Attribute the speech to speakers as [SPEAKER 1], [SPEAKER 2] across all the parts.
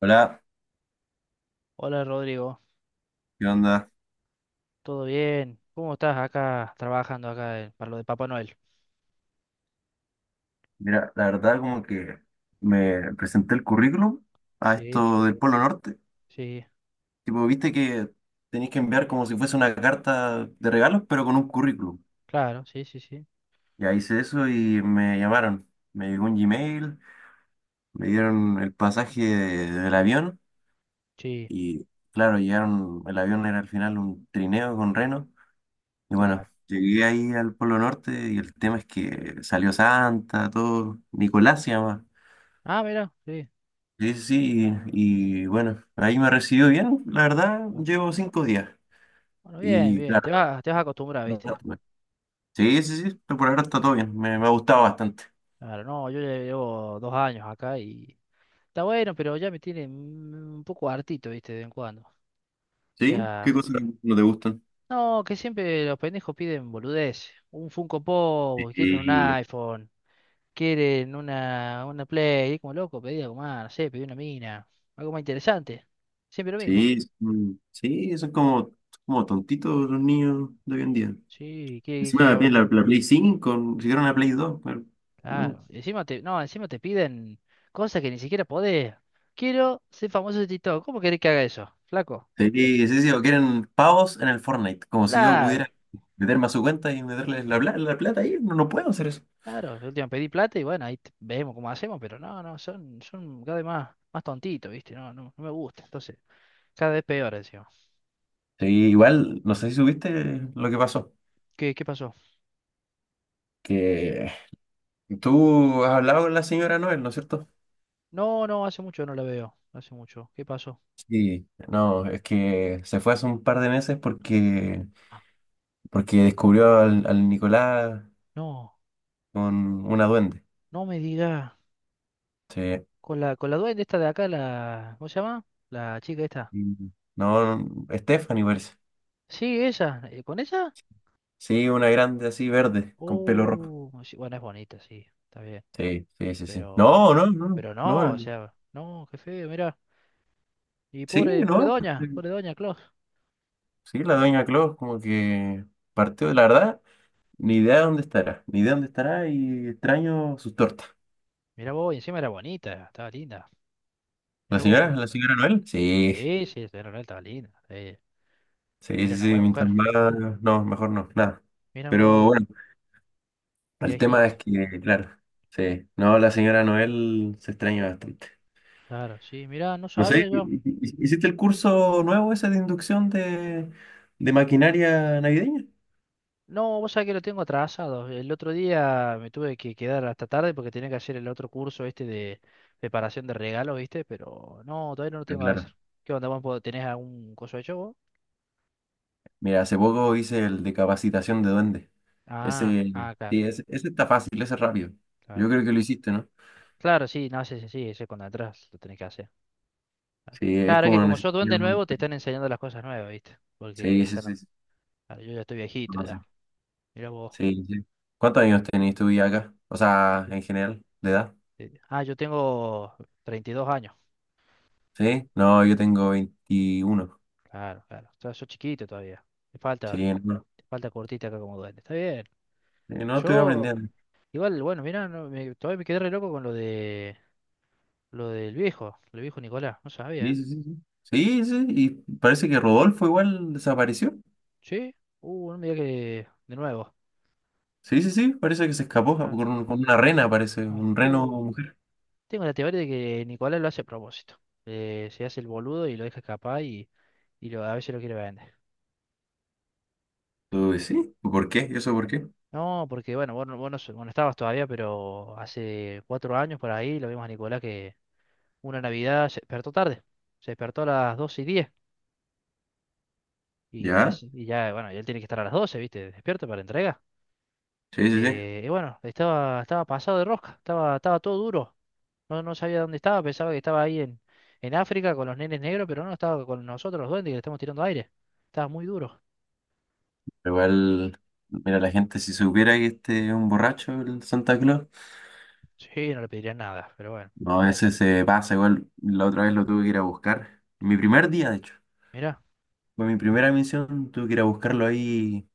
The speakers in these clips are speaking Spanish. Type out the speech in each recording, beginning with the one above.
[SPEAKER 1] Hola,
[SPEAKER 2] Hola Rodrigo,
[SPEAKER 1] ¿qué onda?
[SPEAKER 2] ¿todo bien? ¿Cómo estás acá trabajando acá para lo de Papá Noel?
[SPEAKER 1] Mira, la verdad como que me presenté el currículum a
[SPEAKER 2] Sí,
[SPEAKER 1] esto del Polo Norte.
[SPEAKER 2] sí,
[SPEAKER 1] Tipo, viste que tenéis que enviar como si fuese una carta de regalos, pero con un currículum.
[SPEAKER 2] claro, sí, sí, sí,
[SPEAKER 1] Ya hice eso y me llamaron. Me llegó un Gmail, me dieron el pasaje del avión
[SPEAKER 2] sí,
[SPEAKER 1] y claro, llegaron, el avión era al final un trineo con reno. Y bueno,
[SPEAKER 2] claro.
[SPEAKER 1] llegué ahí al Polo Norte y el tema es que salió Santa, todo, Nicolás se llama.
[SPEAKER 2] Ah, mira, sí.
[SPEAKER 1] Sí, sí, sí, y bueno, ahí me recibió bien, la verdad,
[SPEAKER 2] bu-
[SPEAKER 1] llevo 5 días.
[SPEAKER 2] Bueno, bien,
[SPEAKER 1] Y
[SPEAKER 2] bien,
[SPEAKER 1] claro,
[SPEAKER 2] te vas a acostumbrar,
[SPEAKER 1] no,
[SPEAKER 2] ¿viste?
[SPEAKER 1] no, bueno, sí, sí, sí, pero por ahora está todo bien, me ha gustado bastante.
[SPEAKER 2] Claro, no, yo ya llevo 2 años acá y está bueno, pero ya me tiene un poco hartito, ¿viste? De vez en cuando. O
[SPEAKER 1] ¿Sí? ¿Qué
[SPEAKER 2] sea,
[SPEAKER 1] cosas no te gustan?
[SPEAKER 2] no, que siempre los pendejos piden boludez, un Funko Pop, quieren un
[SPEAKER 1] Sí,
[SPEAKER 2] iPhone. Quieren una play, y como loco, pedí algo más, no sé, pedí una mina, algo más interesante, siempre lo mismo.
[SPEAKER 1] sí, sí, son como, como tontitos los niños de hoy en día.
[SPEAKER 2] Sí,
[SPEAKER 1] Encima
[SPEAKER 2] ah,
[SPEAKER 1] la Play 5, si quieren la Play 2, pero, no.
[SPEAKER 2] claro, y no, encima te piden cosas que ni siquiera podés. Quiero ser famoso de TikTok, ¿cómo querés que haga eso? Flaco,
[SPEAKER 1] Sí, sí, sí, o quieren pavos en el Fortnite, como si yo
[SPEAKER 2] Claro,
[SPEAKER 1] pudiera meterme a su cuenta y meterles la plata ahí, no, no puedo hacer eso.
[SPEAKER 2] claro, de última pedí plata y bueno, ahí vemos cómo hacemos, pero no, no, son cada vez más tontitos, ¿viste? No, no, no me gusta, entonces, cada vez peor encima.
[SPEAKER 1] Sí, igual, no sé si subiste lo que pasó.
[SPEAKER 2] ¿Qué pasó?
[SPEAKER 1] Que tú has hablado con la señora Noel, ¿no es cierto?
[SPEAKER 2] No, no, hace mucho no la veo, hace mucho, ¿qué pasó?
[SPEAKER 1] Sí. No, es que se fue hace un par de meses
[SPEAKER 2] Ah,
[SPEAKER 1] porque descubrió al Nicolás
[SPEAKER 2] no.
[SPEAKER 1] con una duende.
[SPEAKER 2] No me diga.
[SPEAKER 1] Sí.
[SPEAKER 2] Con la duende esta de acá, la. ¿Cómo se llama? La chica esta.
[SPEAKER 1] Mm. No, no, Stephanie parece.
[SPEAKER 2] Sí, ella. ¿Con ella?
[SPEAKER 1] Sí, una grande así verde, con pelo rojo.
[SPEAKER 2] Oh, sí, bueno, es bonita, sí. Está bien.
[SPEAKER 1] Sí, sí, sí, sí. No,
[SPEAKER 2] Pero.
[SPEAKER 1] no, no,
[SPEAKER 2] Pero
[SPEAKER 1] no.
[SPEAKER 2] no, o sea. No, qué feo, mira. Y
[SPEAKER 1] Sí, no.
[SPEAKER 2] pobre doña Claus.
[SPEAKER 1] Sí, la doña Claus como que partió, la verdad. Ni idea de dónde estará, ni idea de dónde estará y extraño sus tortas.
[SPEAKER 2] Mira vos, y encima era bonita, estaba linda.
[SPEAKER 1] ¿La
[SPEAKER 2] Mira
[SPEAKER 1] señora?
[SPEAKER 2] vos.
[SPEAKER 1] ¿La señora Noel? Sí,
[SPEAKER 2] Sí, sí, estaba linda. Sí.
[SPEAKER 1] sí,
[SPEAKER 2] Era
[SPEAKER 1] sí,
[SPEAKER 2] una
[SPEAKER 1] sí,
[SPEAKER 2] buena
[SPEAKER 1] mientras
[SPEAKER 2] mujer.
[SPEAKER 1] más... No, mejor no, nada.
[SPEAKER 2] Mira
[SPEAKER 1] Pero
[SPEAKER 2] vos,
[SPEAKER 1] bueno, el tema
[SPEAKER 2] viejita.
[SPEAKER 1] es que, claro, sí, no, la señora Noel se extraña bastante.
[SPEAKER 2] Claro, sí, mira, no
[SPEAKER 1] No
[SPEAKER 2] sabía
[SPEAKER 1] sé,
[SPEAKER 2] yo.
[SPEAKER 1] ¿hiciste el curso nuevo ese de inducción de maquinaria navideña?
[SPEAKER 2] No, vos sabés que lo tengo atrasado. El otro día me tuve que quedar hasta tarde porque tenía que hacer el otro curso este de preparación de regalos, ¿viste? Pero no, todavía no lo
[SPEAKER 1] Ah,
[SPEAKER 2] tengo a hacer.
[SPEAKER 1] claro.
[SPEAKER 2] ¿Qué onda, vos tenés algún coso hecho vos?
[SPEAKER 1] Mira, hace poco hice el de capacitación de duende.
[SPEAKER 2] Ah,
[SPEAKER 1] Ese,
[SPEAKER 2] ah, claro,
[SPEAKER 1] sí, ese está fácil, ese es rápido.
[SPEAKER 2] claro.
[SPEAKER 1] Yo creo que lo hiciste, ¿no?
[SPEAKER 2] Claro, sí, no, sí, sí, sí, ese cuando atrás lo tenés que hacer.
[SPEAKER 1] Sí, es
[SPEAKER 2] Claro, es que
[SPEAKER 1] como
[SPEAKER 2] como sos
[SPEAKER 1] necesario.
[SPEAKER 2] duende nuevo, te están enseñando las cosas nuevas, ¿viste? Porque
[SPEAKER 1] Sí, sí, sí, sí.
[SPEAKER 2] claro, yo ya estoy viejito
[SPEAKER 1] No sé.
[SPEAKER 2] ya. Mira vos.
[SPEAKER 1] Sí, sí. ¿Cuántos años tenés tú ya acá? O sea,
[SPEAKER 2] Sí,
[SPEAKER 1] en general, de edad.
[SPEAKER 2] sí. Ah, yo tengo 32 años.
[SPEAKER 1] ¿Sí? No, yo tengo 21.
[SPEAKER 2] Claro, claro. O sea, sos chiquito todavía. Te falta,
[SPEAKER 1] Sí, no.
[SPEAKER 2] te falta cortita acá como duende. Está bien.
[SPEAKER 1] Sí, no, estoy
[SPEAKER 2] Yo,
[SPEAKER 1] aprendiendo.
[SPEAKER 2] igual, bueno, mirá, no, todavía me quedé re loco con lo del viejo, el viejo Nicolás, no sabía,
[SPEAKER 1] Sí,
[SPEAKER 2] ¿eh?
[SPEAKER 1] sí, sí. Sí, sí, sí, y parece que Rodolfo igual desapareció.
[SPEAKER 2] ¿Sí? No me digas que de nuevo.
[SPEAKER 1] Sí, sí, sí, parece que se escapó
[SPEAKER 2] Claro,
[SPEAKER 1] con, con una rena, parece,
[SPEAKER 2] claro.
[SPEAKER 1] un reno
[SPEAKER 2] Uh,
[SPEAKER 1] mujer.
[SPEAKER 2] tengo la teoría de que Nicolás lo hace a propósito. Se hace el boludo y lo deja escapar y a veces lo quiere vender.
[SPEAKER 1] Uy, sí, ¿por qué? ¿Y eso por qué?
[SPEAKER 2] No, porque bueno, vos no estabas todavía, pero hace 4 años por ahí lo vimos a Nicolás que una Navidad se despertó tarde. Se despertó a las 12 y diez. Y,
[SPEAKER 1] ¿Ya?
[SPEAKER 2] es- y ya, bueno, y él tiene que estar a las 12, ¿viste? Despierto para entregar.
[SPEAKER 1] Sí, sí, sí.
[SPEAKER 2] Y bueno, estaba pasado de rosca, estaba todo duro. No, no sabía dónde estaba, pensaba que estaba ahí en África con los nenes negros, pero no, estaba con nosotros los duendes que le estamos tirando aire. Estaba muy duro.
[SPEAKER 1] Igual, mira, la gente, si supiera que este es un borracho, el Santa Claus.
[SPEAKER 2] Sí, no le pediría nada, pero bueno.
[SPEAKER 1] No, ese se pasa, igual la otra vez lo tuve que ir a buscar. Mi primer día, de hecho,
[SPEAKER 2] Mirá.
[SPEAKER 1] fue mi primera misión, tuve que ir a buscarlo ahí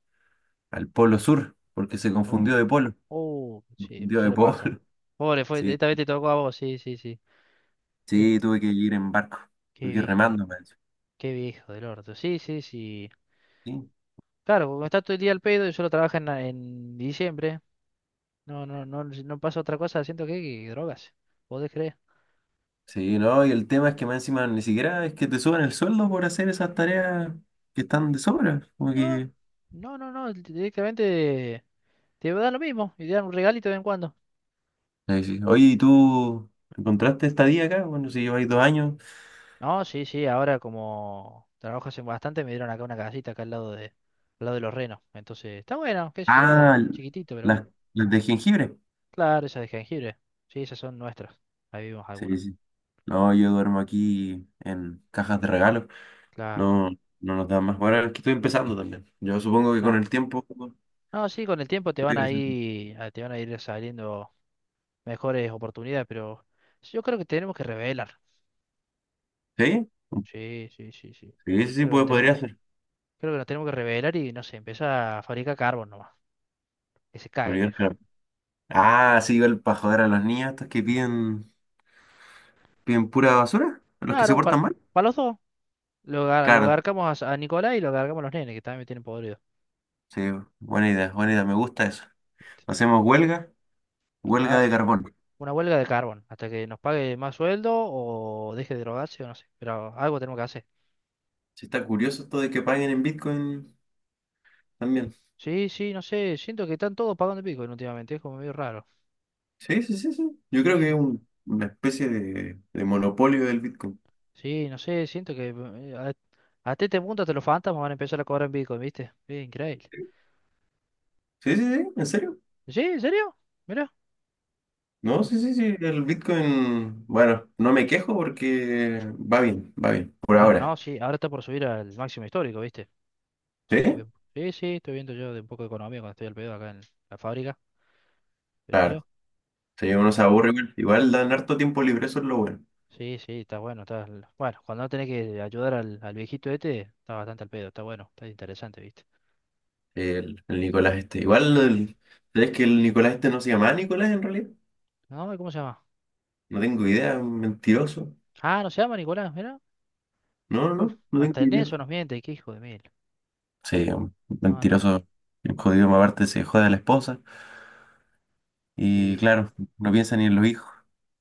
[SPEAKER 1] al Polo Sur, porque se
[SPEAKER 2] Oh,
[SPEAKER 1] confundió de polo,
[SPEAKER 2] oh, sí,
[SPEAKER 1] confundió de
[SPEAKER 2] suele
[SPEAKER 1] polo.
[SPEAKER 2] pasar. Pobre,
[SPEAKER 1] Sí,
[SPEAKER 2] esta vez te tocó a vos, sí, sí, sí. Eh,
[SPEAKER 1] sí, tuve que ir en barco, tuve
[SPEAKER 2] qué
[SPEAKER 1] que ir
[SPEAKER 2] viejo,
[SPEAKER 1] remando, me dicho.
[SPEAKER 2] Qué viejo del orto. Sí, sí, sí.
[SPEAKER 1] Sí,
[SPEAKER 2] Claro, como está todo el día al pedo y solo trabaja en diciembre, no, no, no, no pasa otra cosa, siento que drogas. ¿Podés creer?
[SPEAKER 1] sí, no, y el tema es que más encima ni siquiera es que te suban el sueldo por hacer esas tareas que están de sobra, como
[SPEAKER 2] No,
[SPEAKER 1] que...
[SPEAKER 2] no, no, no, directamente te va a dar lo mismo y te dan un regalito de vez en cuando.
[SPEAKER 1] Ahí sí. Oye, ¿y tú encontraste estadía acá? Bueno, si lleváis 2 años.
[SPEAKER 2] No, sí, sí, ahora como trabajas en bastante me dieron acá una casita acá al lado de los renos. Entonces, está bueno, qué sé yo,
[SPEAKER 1] Ah,
[SPEAKER 2] chiquitito, pero bueno.
[SPEAKER 1] las, las de jengibre.
[SPEAKER 2] Claro, esas de jengibre. Sí, esas son nuestras. Ahí vivimos
[SPEAKER 1] Sí,
[SPEAKER 2] algunos.
[SPEAKER 1] sí, no, yo duermo aquí en cajas de regalo.
[SPEAKER 2] Claro,
[SPEAKER 1] No, no nos dan más. Bueno, es que estoy empezando también. Yo supongo que con
[SPEAKER 2] claro.
[SPEAKER 1] el tiempo.
[SPEAKER 2] No, sí, con el tiempo te van a ir saliendo mejores oportunidades, pero yo creo que tenemos que revelar.
[SPEAKER 1] ¿Sí?
[SPEAKER 2] Sí, sí, sí, sí.
[SPEAKER 1] Sí, sí, sí,
[SPEAKER 2] Creo que no tenemos.
[SPEAKER 1] podría ser.
[SPEAKER 2] Creo que nos tenemos que revelar y no sé, empieza a fabricar carbón nomás. Que se cague el
[SPEAKER 1] Podría,
[SPEAKER 2] viejo.
[SPEAKER 1] claro. Ah, sí, igual para joder a los niños estos que piden, piden pura basura, a los que se
[SPEAKER 2] Claro, para,
[SPEAKER 1] portan mal.
[SPEAKER 2] para los dos. Lo
[SPEAKER 1] Claro,
[SPEAKER 2] garcamos a Nicolás y lo garcamos a los nenes, que también me tienen podrido.
[SPEAKER 1] sí, buena idea, me gusta eso.
[SPEAKER 2] ¿Viste?
[SPEAKER 1] Hacemos huelga, huelga
[SPEAKER 2] Claro.
[SPEAKER 1] de carbón.
[SPEAKER 2] Una huelga de carbón, hasta que nos pague más sueldo o deje de drogarse o no sé. Pero algo tenemos que hacer.
[SPEAKER 1] Sí, está curioso esto de que paguen en Bitcoin también.
[SPEAKER 2] Sí, sí, no sé. Siento que están todos pagando pico últimamente. Es como medio raro.
[SPEAKER 1] Sí, sí, sí, sí. Yo
[SPEAKER 2] Sí,
[SPEAKER 1] creo que
[SPEAKER 2] sí.
[SPEAKER 1] es una especie de monopolio del Bitcoin.
[SPEAKER 2] Sí, no sé. Siento que hasta este punto hasta los fantasmas van a empezar a cobrar en Bitcoin, ¿viste? Es increíble.
[SPEAKER 1] Sí, sí, sí, ¿en serio?
[SPEAKER 2] ¿Sí? ¿En serio? Mira.
[SPEAKER 1] No, sí, sí, sí, el Bitcoin, bueno, no me quejo porque va bien, por
[SPEAKER 2] Claro,
[SPEAKER 1] ahora.
[SPEAKER 2] no, sí, ahora está por subir al máximo histórico, ¿viste? Sí, sí,
[SPEAKER 1] ¿Sí?
[SPEAKER 2] sí, sí, estoy viendo yo de un poco de economía cuando estoy al pedo acá en la fábrica, pero mira,
[SPEAKER 1] Claro, sí, uno
[SPEAKER 2] pero
[SPEAKER 1] se aburre igual, igual dan harto tiempo libre, eso es lo bueno.
[SPEAKER 2] sí, sí, está bueno, bueno, cuando no tenés que ayudar al viejito este, está bastante al pedo, está bueno, está interesante, ¿viste?
[SPEAKER 1] El Nicolás este, igual,
[SPEAKER 2] Bueno.
[SPEAKER 1] ¿sabes que el Nicolás este no se llama Nicolás en realidad?
[SPEAKER 2] No, ¿cómo se llama?
[SPEAKER 1] No tengo idea, un mentiroso.
[SPEAKER 2] Ah, no se llama Nicolás, mira.
[SPEAKER 1] No, no,
[SPEAKER 2] Uf,
[SPEAKER 1] no, no tengo
[SPEAKER 2] hasta en
[SPEAKER 1] idea.
[SPEAKER 2] eso nos miente, qué hijo de mil.
[SPEAKER 1] Sí, un
[SPEAKER 2] No, no,
[SPEAKER 1] mentiroso, el jodido, más aparte se jode a la esposa y
[SPEAKER 2] sí,
[SPEAKER 1] claro, no piensa ni en los hijos.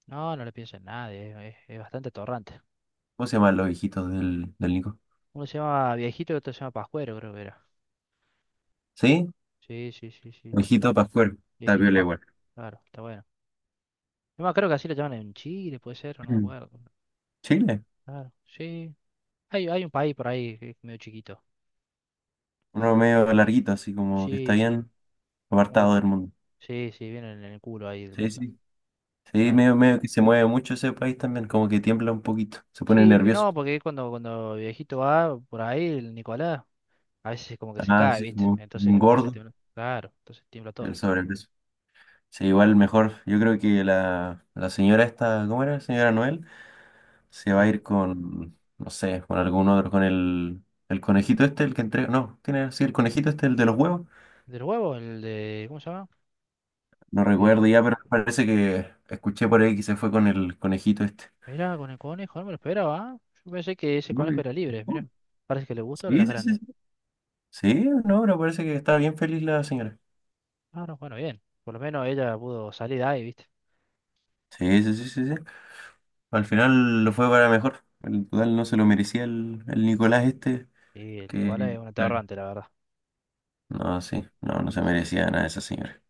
[SPEAKER 2] no, no le piensa en nadie, es bastante atorrante.
[SPEAKER 1] ¿Cómo se llaman los hijitos del Nico?
[SPEAKER 2] Uno se llama viejito y otro se llama Pascuero, creo que era.
[SPEAKER 1] ¿Sí?
[SPEAKER 2] Sí, sí, sí, sí,
[SPEAKER 1] Ojito para afuera, está
[SPEAKER 2] viejito
[SPEAKER 1] piola igual.
[SPEAKER 2] Pascuero, claro, está bueno. Yo me acuerdo que así lo llaman en Chile, puede ser, o no me
[SPEAKER 1] Mm.
[SPEAKER 2] acuerdo.
[SPEAKER 1] Chile,
[SPEAKER 2] Claro, sí. Hay un país por ahí que es medio chiquito.
[SPEAKER 1] uno medio larguito, así como que está
[SPEAKER 2] Sí, sí.
[SPEAKER 1] bien
[SPEAKER 2] como que-
[SPEAKER 1] apartado del mundo.
[SPEAKER 2] sí, sí, vienen en el culo ahí del
[SPEAKER 1] Sí,
[SPEAKER 2] mundo.
[SPEAKER 1] sí. Sí,
[SPEAKER 2] Claro.
[SPEAKER 1] medio, medio que se mueve mucho ese país también, como que tiembla un poquito, se pone
[SPEAKER 2] Sí,
[SPEAKER 1] nervioso.
[SPEAKER 2] no, porque cuando viejito va por ahí, el Nicolás, a veces como que se
[SPEAKER 1] Ah,
[SPEAKER 2] cae,
[SPEAKER 1] sí,
[SPEAKER 2] ¿viste?
[SPEAKER 1] como
[SPEAKER 2] Entonces
[SPEAKER 1] un
[SPEAKER 2] como que hace
[SPEAKER 1] gordo
[SPEAKER 2] temblar. Claro, entonces tiembla
[SPEAKER 1] y el
[SPEAKER 2] todo.
[SPEAKER 1] sobrepeso. Sí, igual mejor. Yo creo que la señora esta, ¿cómo era? Señora Noel, se va a
[SPEAKER 2] Sí.
[SPEAKER 1] ir con, no sé, con algún otro, con el conejito este, el que entrega. No, tiene, sí, el conejito este, el de los huevos.
[SPEAKER 2] ¿Del huevo? ¿Cómo se llama?
[SPEAKER 1] No recuerdo
[SPEAKER 2] El...
[SPEAKER 1] ya, pero me parece que escuché por ahí que se fue con el conejito este.
[SPEAKER 2] Mirá, con el conejo, no me lo esperaba. ¿Ah? Yo pensé que ese
[SPEAKER 1] No,
[SPEAKER 2] conejo
[SPEAKER 1] bien.
[SPEAKER 2] era libre,
[SPEAKER 1] Oh,
[SPEAKER 2] mirá. Parece que le gustó a
[SPEAKER 1] sí,
[SPEAKER 2] las
[SPEAKER 1] sí, sí,
[SPEAKER 2] grandes.
[SPEAKER 1] sí. Sí, no, pero parece que estaba bien feliz la señora.
[SPEAKER 2] Ah, no, bueno, bien. Por lo menos ella pudo salir de ahí, ¿viste?
[SPEAKER 1] Sí, sí, sí, sí, sí. Al final lo fue para mejor. El total no se lo merecía el Nicolás este,
[SPEAKER 2] Sí, el Nicolás
[SPEAKER 1] que...
[SPEAKER 2] es un
[SPEAKER 1] Claro.
[SPEAKER 2] aterrante, la verdad.
[SPEAKER 1] No, sí, no, no se
[SPEAKER 2] Sí, sí.
[SPEAKER 1] merecía nada esa señora.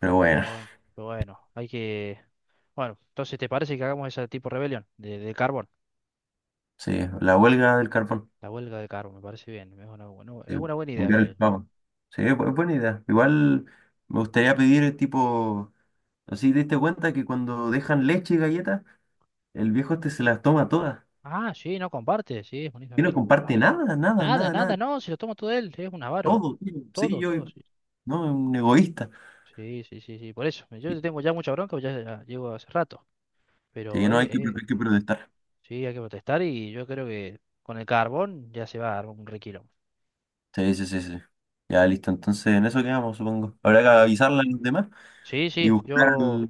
[SPEAKER 1] Pero bueno,
[SPEAKER 2] Pero bueno, pero bueno, hay que. Bueno, entonces, ¿te parece que hagamos ese tipo de rebelión de carbón?
[SPEAKER 1] sí, la huelga del carbón.
[SPEAKER 2] La huelga de carbón, me parece bien.
[SPEAKER 1] Sí,
[SPEAKER 2] Es una buena idea,
[SPEAKER 1] cambiar
[SPEAKER 2] creo
[SPEAKER 1] el
[SPEAKER 2] yo, ¿eh?
[SPEAKER 1] pavo. Sí, buena idea. Igual me gustaría pedir tipo, así te diste cuenta que cuando dejan leche y galletas el viejo este se las toma todas.
[SPEAKER 2] Ah, sí, no comparte, sí, es bonito
[SPEAKER 1] Y no
[SPEAKER 2] mil.
[SPEAKER 1] comparte nada, nada,
[SPEAKER 2] Nada,
[SPEAKER 1] nada,
[SPEAKER 2] nada,
[SPEAKER 1] nada.
[SPEAKER 2] no, se lo toma todo él, es un avaro.
[SPEAKER 1] Todo, tío. Sí,
[SPEAKER 2] Todo,
[SPEAKER 1] yo,
[SPEAKER 2] todo, sí.
[SPEAKER 1] no, es un egoísta.
[SPEAKER 2] Sí, sí, sí, sí, por eso. Yo
[SPEAKER 1] Sí,
[SPEAKER 2] tengo ya mucha bronca, pues ya llevo hace rato.
[SPEAKER 1] sí,
[SPEAKER 2] Pero,
[SPEAKER 1] no,
[SPEAKER 2] eh,
[SPEAKER 1] hay que protestar.
[SPEAKER 2] sí, hay que protestar y yo creo que con el carbón ya se va a armar un requilón.
[SPEAKER 1] Sí, sí, sí, sí. Ya, listo. Entonces, en eso quedamos, supongo. Habrá que
[SPEAKER 2] Vale.
[SPEAKER 1] avisarle a los demás
[SPEAKER 2] Sí,
[SPEAKER 1] y
[SPEAKER 2] sí,
[SPEAKER 1] buscar
[SPEAKER 2] yo.
[SPEAKER 1] al...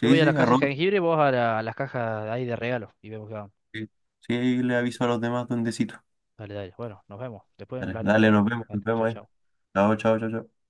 [SPEAKER 2] Yo voy a
[SPEAKER 1] sí,
[SPEAKER 2] las
[SPEAKER 1] a
[SPEAKER 2] cajas de
[SPEAKER 1] Robert.
[SPEAKER 2] jengibre y vos a las cajas ahí de regalo y vemos qué vamos.
[SPEAKER 1] Sí, sí, ahí le aviso a los demás dondecito.
[SPEAKER 2] Dale, dale. Bueno, nos vemos. Después
[SPEAKER 1] Dale,
[SPEAKER 2] hablaremos
[SPEAKER 1] dale,
[SPEAKER 2] todo. Dale,
[SPEAKER 1] nos
[SPEAKER 2] chao,
[SPEAKER 1] vemos ahí.
[SPEAKER 2] chao.
[SPEAKER 1] Chao, chao, chao, chao.